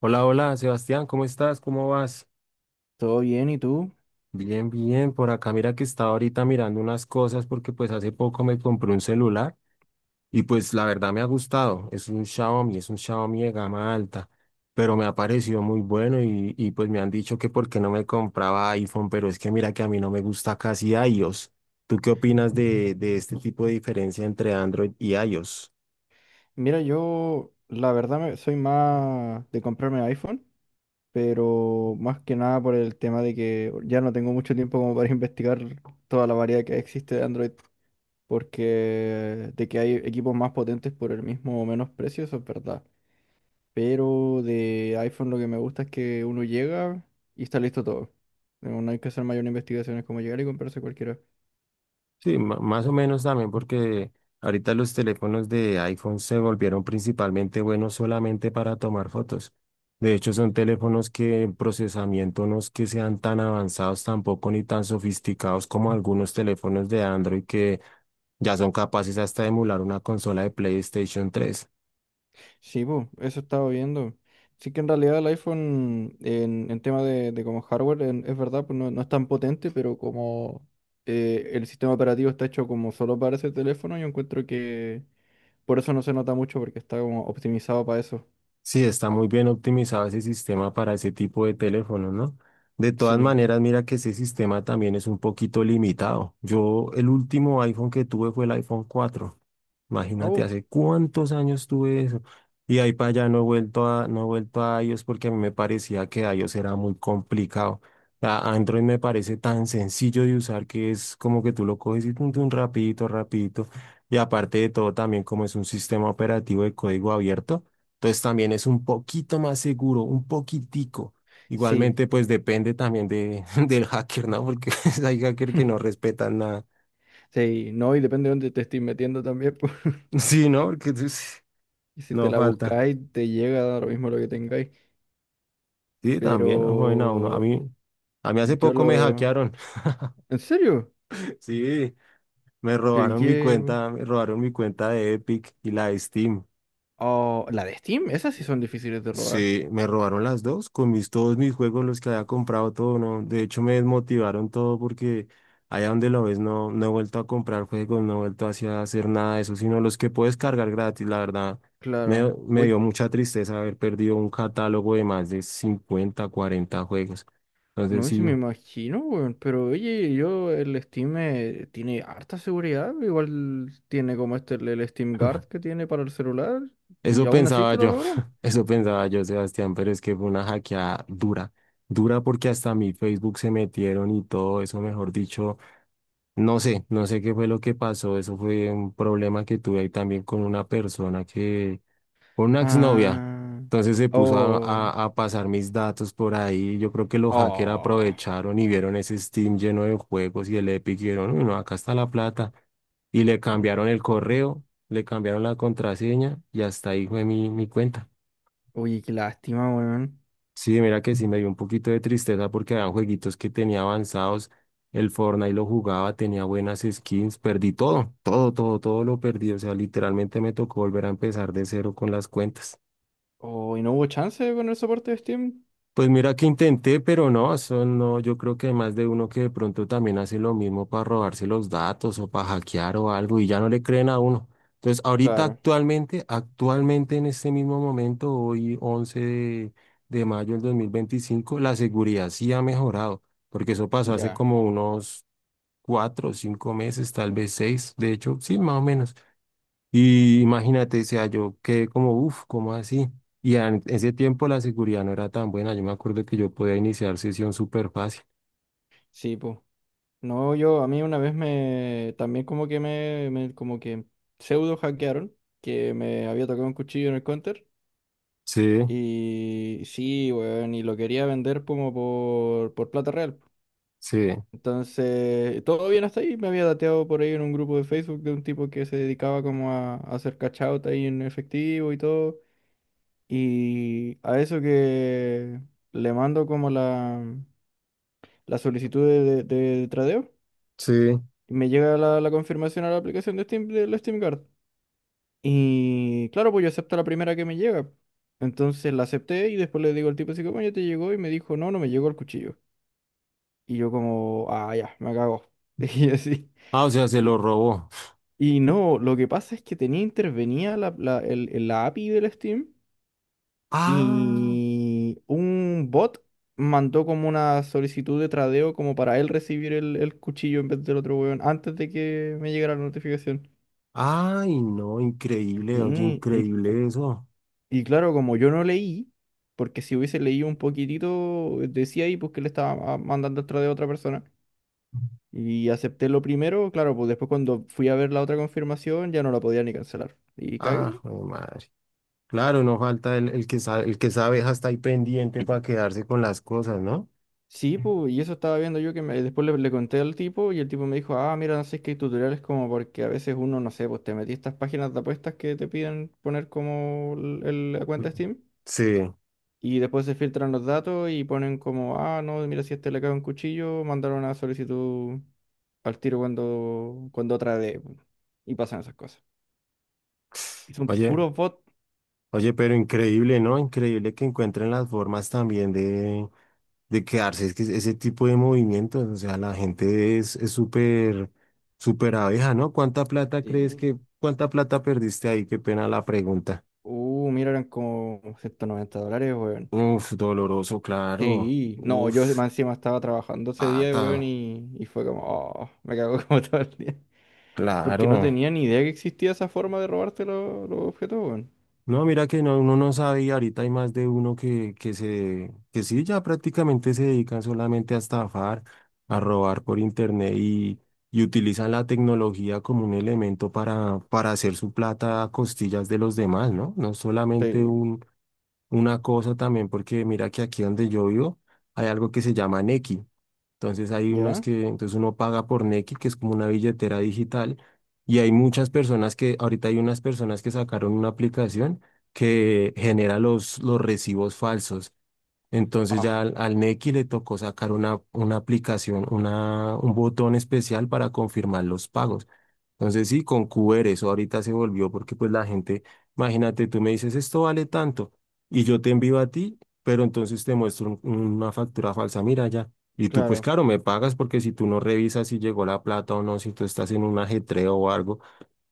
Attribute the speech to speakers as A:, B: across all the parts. A: Hola, hola, Sebastián, ¿cómo estás? ¿Cómo vas?
B: Todo bien, ¿y tú?
A: Bien, bien, por acá mira que estaba ahorita mirando unas cosas porque pues hace poco me compré un celular y pues la verdad me ha gustado, es un Xiaomi de gama alta, pero me ha parecido muy bueno y pues me han dicho que por qué no me compraba iPhone, pero es que mira que a mí no me gusta casi iOS. ¿Tú qué opinas de este tipo de diferencia entre Android y iOS?
B: Mira, yo la verdad soy más de comprarme iPhone, pero más que nada por el tema de que ya no tengo mucho tiempo como para investigar toda la variedad que existe de Android, porque de que hay equipos más potentes por el mismo o menos precio, eso es verdad. Pero de iPhone lo que me gusta es que uno llega y está listo todo. No hay que hacer mayor investigaciones como llegar y comprarse cualquiera.
A: Sí, más o menos también porque ahorita los teléfonos de iPhone se volvieron principalmente buenos solamente para tomar fotos. De hecho, son teléfonos que en procesamiento no es que sean tan avanzados tampoco ni tan sofisticados como algunos teléfonos de Android que ya son capaces hasta de emular una consola de PlayStation 3.
B: Sí, pues, eso estaba viendo. Sí que en realidad el iPhone en tema de como hardware, es verdad, pues no, no es tan potente, pero como el sistema operativo está hecho como solo para ese teléfono, yo encuentro que por eso no se nota mucho, porque está como optimizado para eso.
A: Sí, está muy bien optimizado ese sistema para ese tipo de teléfonos, ¿no? De todas
B: Sí.
A: maneras, mira que ese sistema también es un poquito limitado. Yo, el último iPhone que tuve fue el iPhone 4. Imagínate,
B: Oh,
A: hace cuántos años tuve eso. Y de ahí para allá no he vuelto a iOS porque a mí me parecía que iOS era muy complicado. Android me parece tan sencillo de usar que es como que tú lo coges y tun, tun, rapidito, rapidito. Y aparte de todo, también como es un sistema operativo de código abierto, entonces también es un poquito más seguro, un poquitico.
B: sí,
A: Igualmente, pues depende también del hacker, ¿no? Porque hay hackers que no respetan nada.
B: sí, no, y depende de dónde te estés metiendo también, pues,
A: Sí, ¿no? Porque pues,
B: y si te
A: no
B: la
A: falta.
B: buscáis, te llega da lo mismo lo que tengáis.
A: Sí, también han jugado uno. A
B: Pero
A: mí, a mí hace
B: yo
A: poco me
B: lo...
A: hackearon.
B: ¿En serio?
A: Sí,
B: ¿Pero y qué?
A: me robaron mi cuenta de Epic y la de Steam.
B: Oh, la de Steam, esas sí son difíciles de robar,
A: Sí, me robaron las dos con todos mis juegos, los que había comprado todo, ¿no? De hecho, me desmotivaron todo porque allá donde lo ves no, no he vuelto a comprar juegos, no he vuelto así a hacer nada de eso, sino los que puedes cargar gratis, la verdad. Me,
B: claro.
A: me
B: Oye,
A: dio mucha tristeza haber perdido un catálogo de más de 50 40 juegos. Entonces,
B: no sé
A: sí.
B: si me imagino, weón, pero oye, yo el Steam tiene harta seguridad, igual tiene como este el Steam Guard que tiene para el celular y
A: Eso
B: aún así
A: pensaba
B: te lo
A: yo,
B: robaron.
A: eso pensaba yo, Sebastián, pero es que fue una hackeada dura, dura porque hasta mi Facebook se metieron y todo eso, mejor dicho, no sé qué fue lo que pasó, eso fue un problema que tuve ahí también con una persona que con una exnovia.
B: Ah,
A: Entonces se puso a,
B: oh,
A: a- a pasar mis datos por ahí. Yo creo que los hackers
B: oh.
A: aprovecharon y vieron ese Steam lleno de juegos y el Epic y vieron, "Uy, no, acá está la plata". Y le cambiaron el correo, le cambiaron la contraseña y hasta ahí fue mi cuenta.
B: Oye, qué lástima, weón.
A: Sí, mira que sí me dio un poquito de tristeza porque eran jueguitos que tenía avanzados. El Fortnite lo jugaba, tenía buenas skins, perdí todo, todo, todo, todo lo perdí. O sea, literalmente me tocó volver a empezar de cero con las cuentas.
B: Oh, ¿y no hubo chance con el soporte de Steam?
A: Pues mira que intenté, pero no, eso no, yo creo que hay más de uno que de pronto también hace lo mismo para robarse los datos o para hackear o algo y ya no le creen a uno. Entonces, ahorita
B: Claro,
A: actualmente, actualmente en este mismo momento, hoy 11 de mayo del 2025 la seguridad sí ha mejorado, porque eso pasó hace
B: ya.
A: como unos 4 o 5 meses, tal vez 6, de hecho, sí, más o menos. Y imagínate, o sea, yo quedé como, uff, ¿cómo así? Y en ese tiempo la seguridad no era tan buena. Yo me acuerdo que yo podía iniciar sesión súper fácil.
B: Sí, pues. No, yo, a mí una vez me, también como que me, como que pseudo hackearon, que me había tocado un cuchillo en el counter,
A: Sí,
B: y sí, weón, y lo quería vender como por plata real.
A: sí,
B: Entonces, todo bien hasta ahí, me había dateado por ahí en un grupo de Facebook de un tipo que se dedicaba como a hacer cash out ahí en efectivo y todo, y a eso que le mando como la solicitud de tradeo.
A: sí.
B: Y me llega la confirmación a la aplicación de Steam, de la Steam Card. Y claro, pues yo acepto la primera que me llega. Entonces la acepté y después le digo al tipo así como, ya te llegó y me dijo, no, no me llegó el cuchillo. Y yo como, ah, ya, me cago. Y así.
A: Ah, o sea, se
B: Y,
A: lo robó.
B: y no, lo que pasa es que tenía intervenía la API del Steam
A: Ah,
B: y un bot mandó como una solicitud de tradeo como para él recibir el cuchillo en vez del otro weón antes de que me llegara la notificación.
A: ay, no, increíble, oye,
B: Sí, y
A: increíble eso.
B: Y claro, como yo no leí, porque si hubiese leído un poquitito, decía ahí pues que le estaba mandando el de otra persona. Y acepté lo primero, claro, pues después cuando fui a ver la otra confirmación ya no la podía ni cancelar. Y cagué, ¿no?
A: Ah, jue madre. Claro, no falta el que sabe hasta ahí pendiente para quedarse con las cosas, ¿no?
B: Sí, pues, y eso estaba viendo yo que después le conté al tipo y el tipo me dijo, ah, mira, no sé, es que hay tutoriales como porque a veces uno, no sé, pues te metí a estas páginas de apuestas que te piden poner como la cuenta
A: Mm.
B: Steam.
A: Sí,
B: Y después se filtran los datos y ponen como, ah, no, mira, si a este le cae un cuchillo, mandaron una solicitud al tiro cuando, cuando otra de... Y pasan esas cosas. Y son
A: oye,
B: puros bots.
A: oye, pero increíble, ¿no? Increíble que encuentren las formas también de quedarse. Es que ese tipo de movimientos, o sea, la gente es súper, súper abeja, ¿no? ¿Cuánta plata crees
B: Sí.
A: que, cuánta plata perdiste ahí? Qué pena la pregunta.
B: Mira, eran como $190, weón.
A: Uf, doloroso, claro.
B: Sí, no, yo
A: Uf,
B: más encima estaba trabajando ese día, weón,
A: pata,
B: y fue como, oh, me cago como todo el día. Porque no
A: claro.
B: tenía ni idea que existía esa forma de robarte los objetos, weón.
A: No, mira que no, uno no sabe y ahorita hay más de uno que sí, ya prácticamente se dedican solamente a estafar, a robar por internet y utilizan la tecnología como un elemento para hacer su plata a costillas de los demás, ¿no? No solamente
B: Sí,
A: una cosa también, porque mira que aquí donde yo vivo hay algo que se llama Nequi.
B: ¿ya?
A: Entonces uno paga por Nequi, que es como una billetera digital, y hay muchas personas que, ahorita hay unas personas que sacaron una aplicación que genera los recibos falsos. Entonces ya
B: Ah,
A: al Nequi le tocó sacar una aplicación, un botón especial para confirmar los pagos. Entonces sí, con QR eso ahorita se volvió porque pues la gente, imagínate, tú me dices esto vale tanto y yo te envío a ti, pero entonces te muestro una factura falsa, mira ya. Y tú pues
B: claro.
A: claro, me pagas porque si tú no revisas si llegó la plata o no, si tú estás en un ajetreo o algo,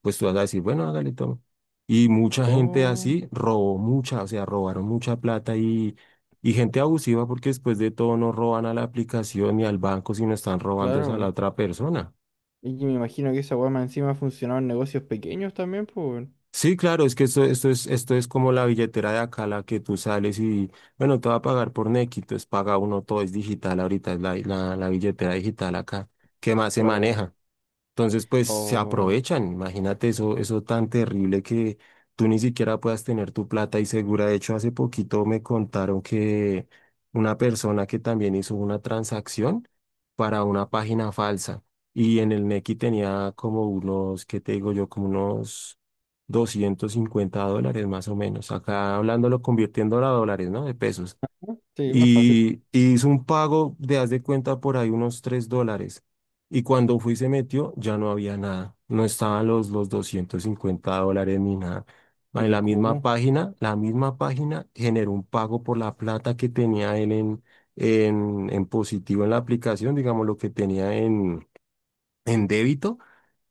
A: pues tú vas a decir, bueno, hágale, toma. Y mucha gente
B: Oh,
A: así robó mucha, o sea, robaron mucha plata y gente abusiva porque después de todo no roban a la aplicación ni al banco, sino están robando es a la
B: claro.
A: otra persona.
B: Y que me imagino que esa weá más encima funcionaba en negocios pequeños también, pues, weón.
A: Sí, claro, es que esto es como la billetera de acá, la que tú sales y, bueno, te va a pagar por Nequi, entonces paga uno, todo es digital ahorita, es la, la billetera digital acá, que más se
B: Claro.
A: maneja. Entonces, pues se
B: O...
A: aprovechan. Imagínate eso, eso tan terrible que tú ni siquiera puedas tener tu plata y segura. De hecho, hace poquito me contaron que una persona que también hizo una transacción para una página falsa y en el Nequi tenía como unos, ¿qué te digo yo? Como unos $250 más o menos. Acá hablándolo, convirtiéndolo a dólares, ¿no? De pesos
B: Sí, más fácil.
A: y hizo un pago de, haz de cuenta, por ahí unos $3. Y cuando fui y se metió, ya no había nada. No estaban los $250 ni nada. En
B: Pero ¿y cómo?
A: la misma página generó un pago por la plata que tenía él en, en positivo en la aplicación, digamos lo que tenía en, débito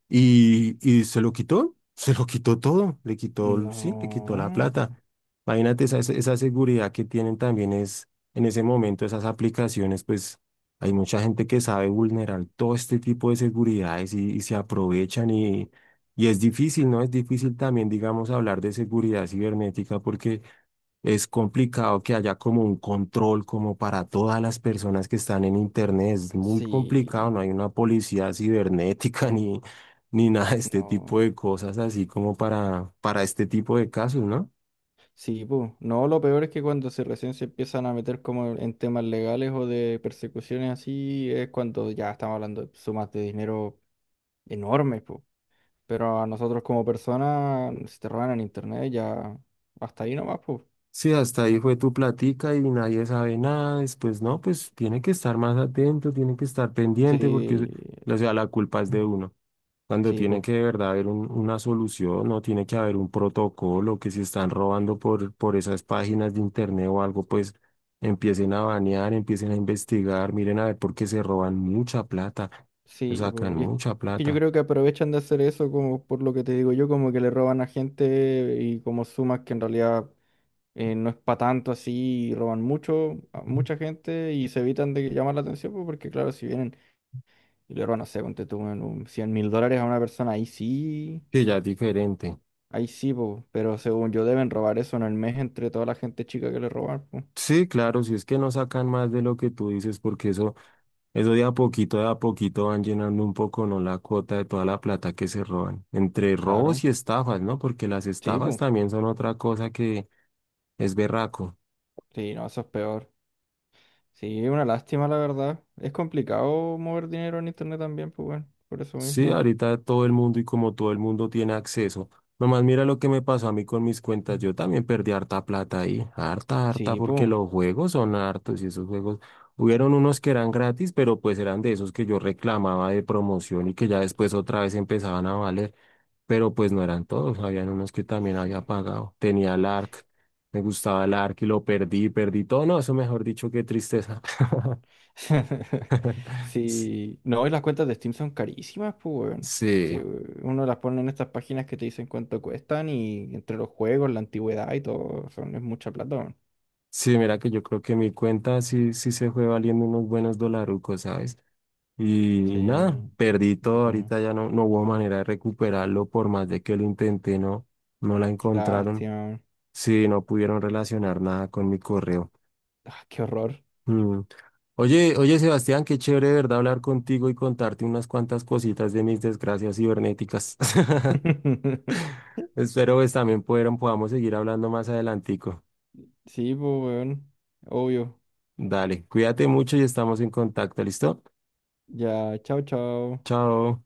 A: y se lo quitó todo, le quitó, sí, le quitó la
B: No.
A: plata. Imagínate esa seguridad que tienen también es, en ese momento, esas aplicaciones, pues hay mucha gente que sabe vulnerar todo este tipo de seguridades y se aprovechan y es difícil, ¿no? Es difícil también, digamos, hablar de seguridad cibernética porque... Es complicado que haya como un control como para todas las personas que están en Internet. Es muy complicado,
B: Sí.
A: no hay una policía cibernética ni nada de este tipo
B: No.
A: de cosas así como para este tipo de casos, ¿no?
B: Sí, pues. No, lo peor es que cuando se recién se empiezan a meter como en temas legales o de persecuciones así, es cuando ya estamos hablando de sumas de dinero enormes, pues. Pero a nosotros como personas, si te roban en internet, ya hasta ahí nomás, pues.
A: Sí, hasta ahí fue tu platica y nadie sabe nada, después no, pues tiene que estar más atento, tiene que estar pendiente
B: Sí,
A: porque, o sea, la culpa es de uno. Cuando
B: sí,
A: tiene
B: pues.
A: que de verdad haber una solución, no tiene que haber un protocolo que si están robando por esas páginas de internet o algo, pues empiecen a banear, empiecen a investigar, miren a ver por qué se roban mucha plata, o
B: Sí, po,
A: sacan
B: y
A: mucha
B: es que yo
A: plata,
B: creo que aprovechan de hacer eso como por lo que te digo yo, como que le roban a gente y como sumas que en realidad no es para tanto así, y roban mucho, a mucha gente y se evitan de llamar la atención, pues, porque claro, si vienen y le roban, no sé, ponte tú en un 1000 dólares a una persona,
A: que ya es diferente.
B: ahí sí, po, pero según yo deben robar eso en el mes entre toda la gente chica que le roban, pues,
A: Sí, claro, si es que no sacan más de lo que tú dices, porque eso de a poquito van llenando un poco, ¿no? La cuota de toda la plata que se roban, entre robos
B: claro,
A: y estafas, ¿no? Porque las
B: sí,
A: estafas
B: pues,
A: también son otra cosa que es berraco.
B: sí, no, eso es peor. Sí, una lástima, la verdad. Es complicado mover dinero en internet también, pues bueno, por eso
A: Sí,
B: mismo.
A: ahorita todo el mundo y como todo el mundo tiene acceso. Nomás mira lo que me pasó a mí con mis cuentas. Yo también perdí harta plata ahí. Harta, harta,
B: Sí,
A: porque
B: pues.
A: los juegos son hartos y esos juegos. Hubieron unos que eran gratis, pero pues eran de esos que yo reclamaba de promoción y que ya después otra vez empezaban a valer. Pero pues no eran todos. Habían unos que también
B: Sí.
A: había pagado. Tenía el ARC. Me gustaba el ARC y lo perdí, perdí todo. No, eso mejor dicho, qué tristeza.
B: Sí. No, y las cuentas de Steam son carísimas, pues bueno.
A: Sí.
B: Sí, we- uno las pone en estas páginas que te dicen cuánto cuestan y entre los juegos, la antigüedad y todo, son, es mucha plata, weón.
A: Sí, mira que yo creo que mi cuenta sí, sí se fue valiendo unos buenos dolarucos, ¿sabes? Y
B: Sí.
A: nada, perdí todo,
B: Pues,
A: ahorita ya no hubo manera de recuperarlo, por más de que lo intenté, no la
B: qué
A: encontraron,
B: lástima.
A: sí, no pudieron relacionar nada con mi correo.
B: Ah, qué horror.
A: Mm. Oye, oye Sebastián, qué chévere, ¿verdad? Hablar contigo y contarte unas cuantas cositas de mis desgracias cibernéticas. Espero pues también pudieron, podamos seguir hablando más adelantico.
B: Sí, pues bueno. Obvio.
A: Dale, cuídate mucho y estamos en contacto, ¿listo?
B: Ya, chao, chao.
A: Chao.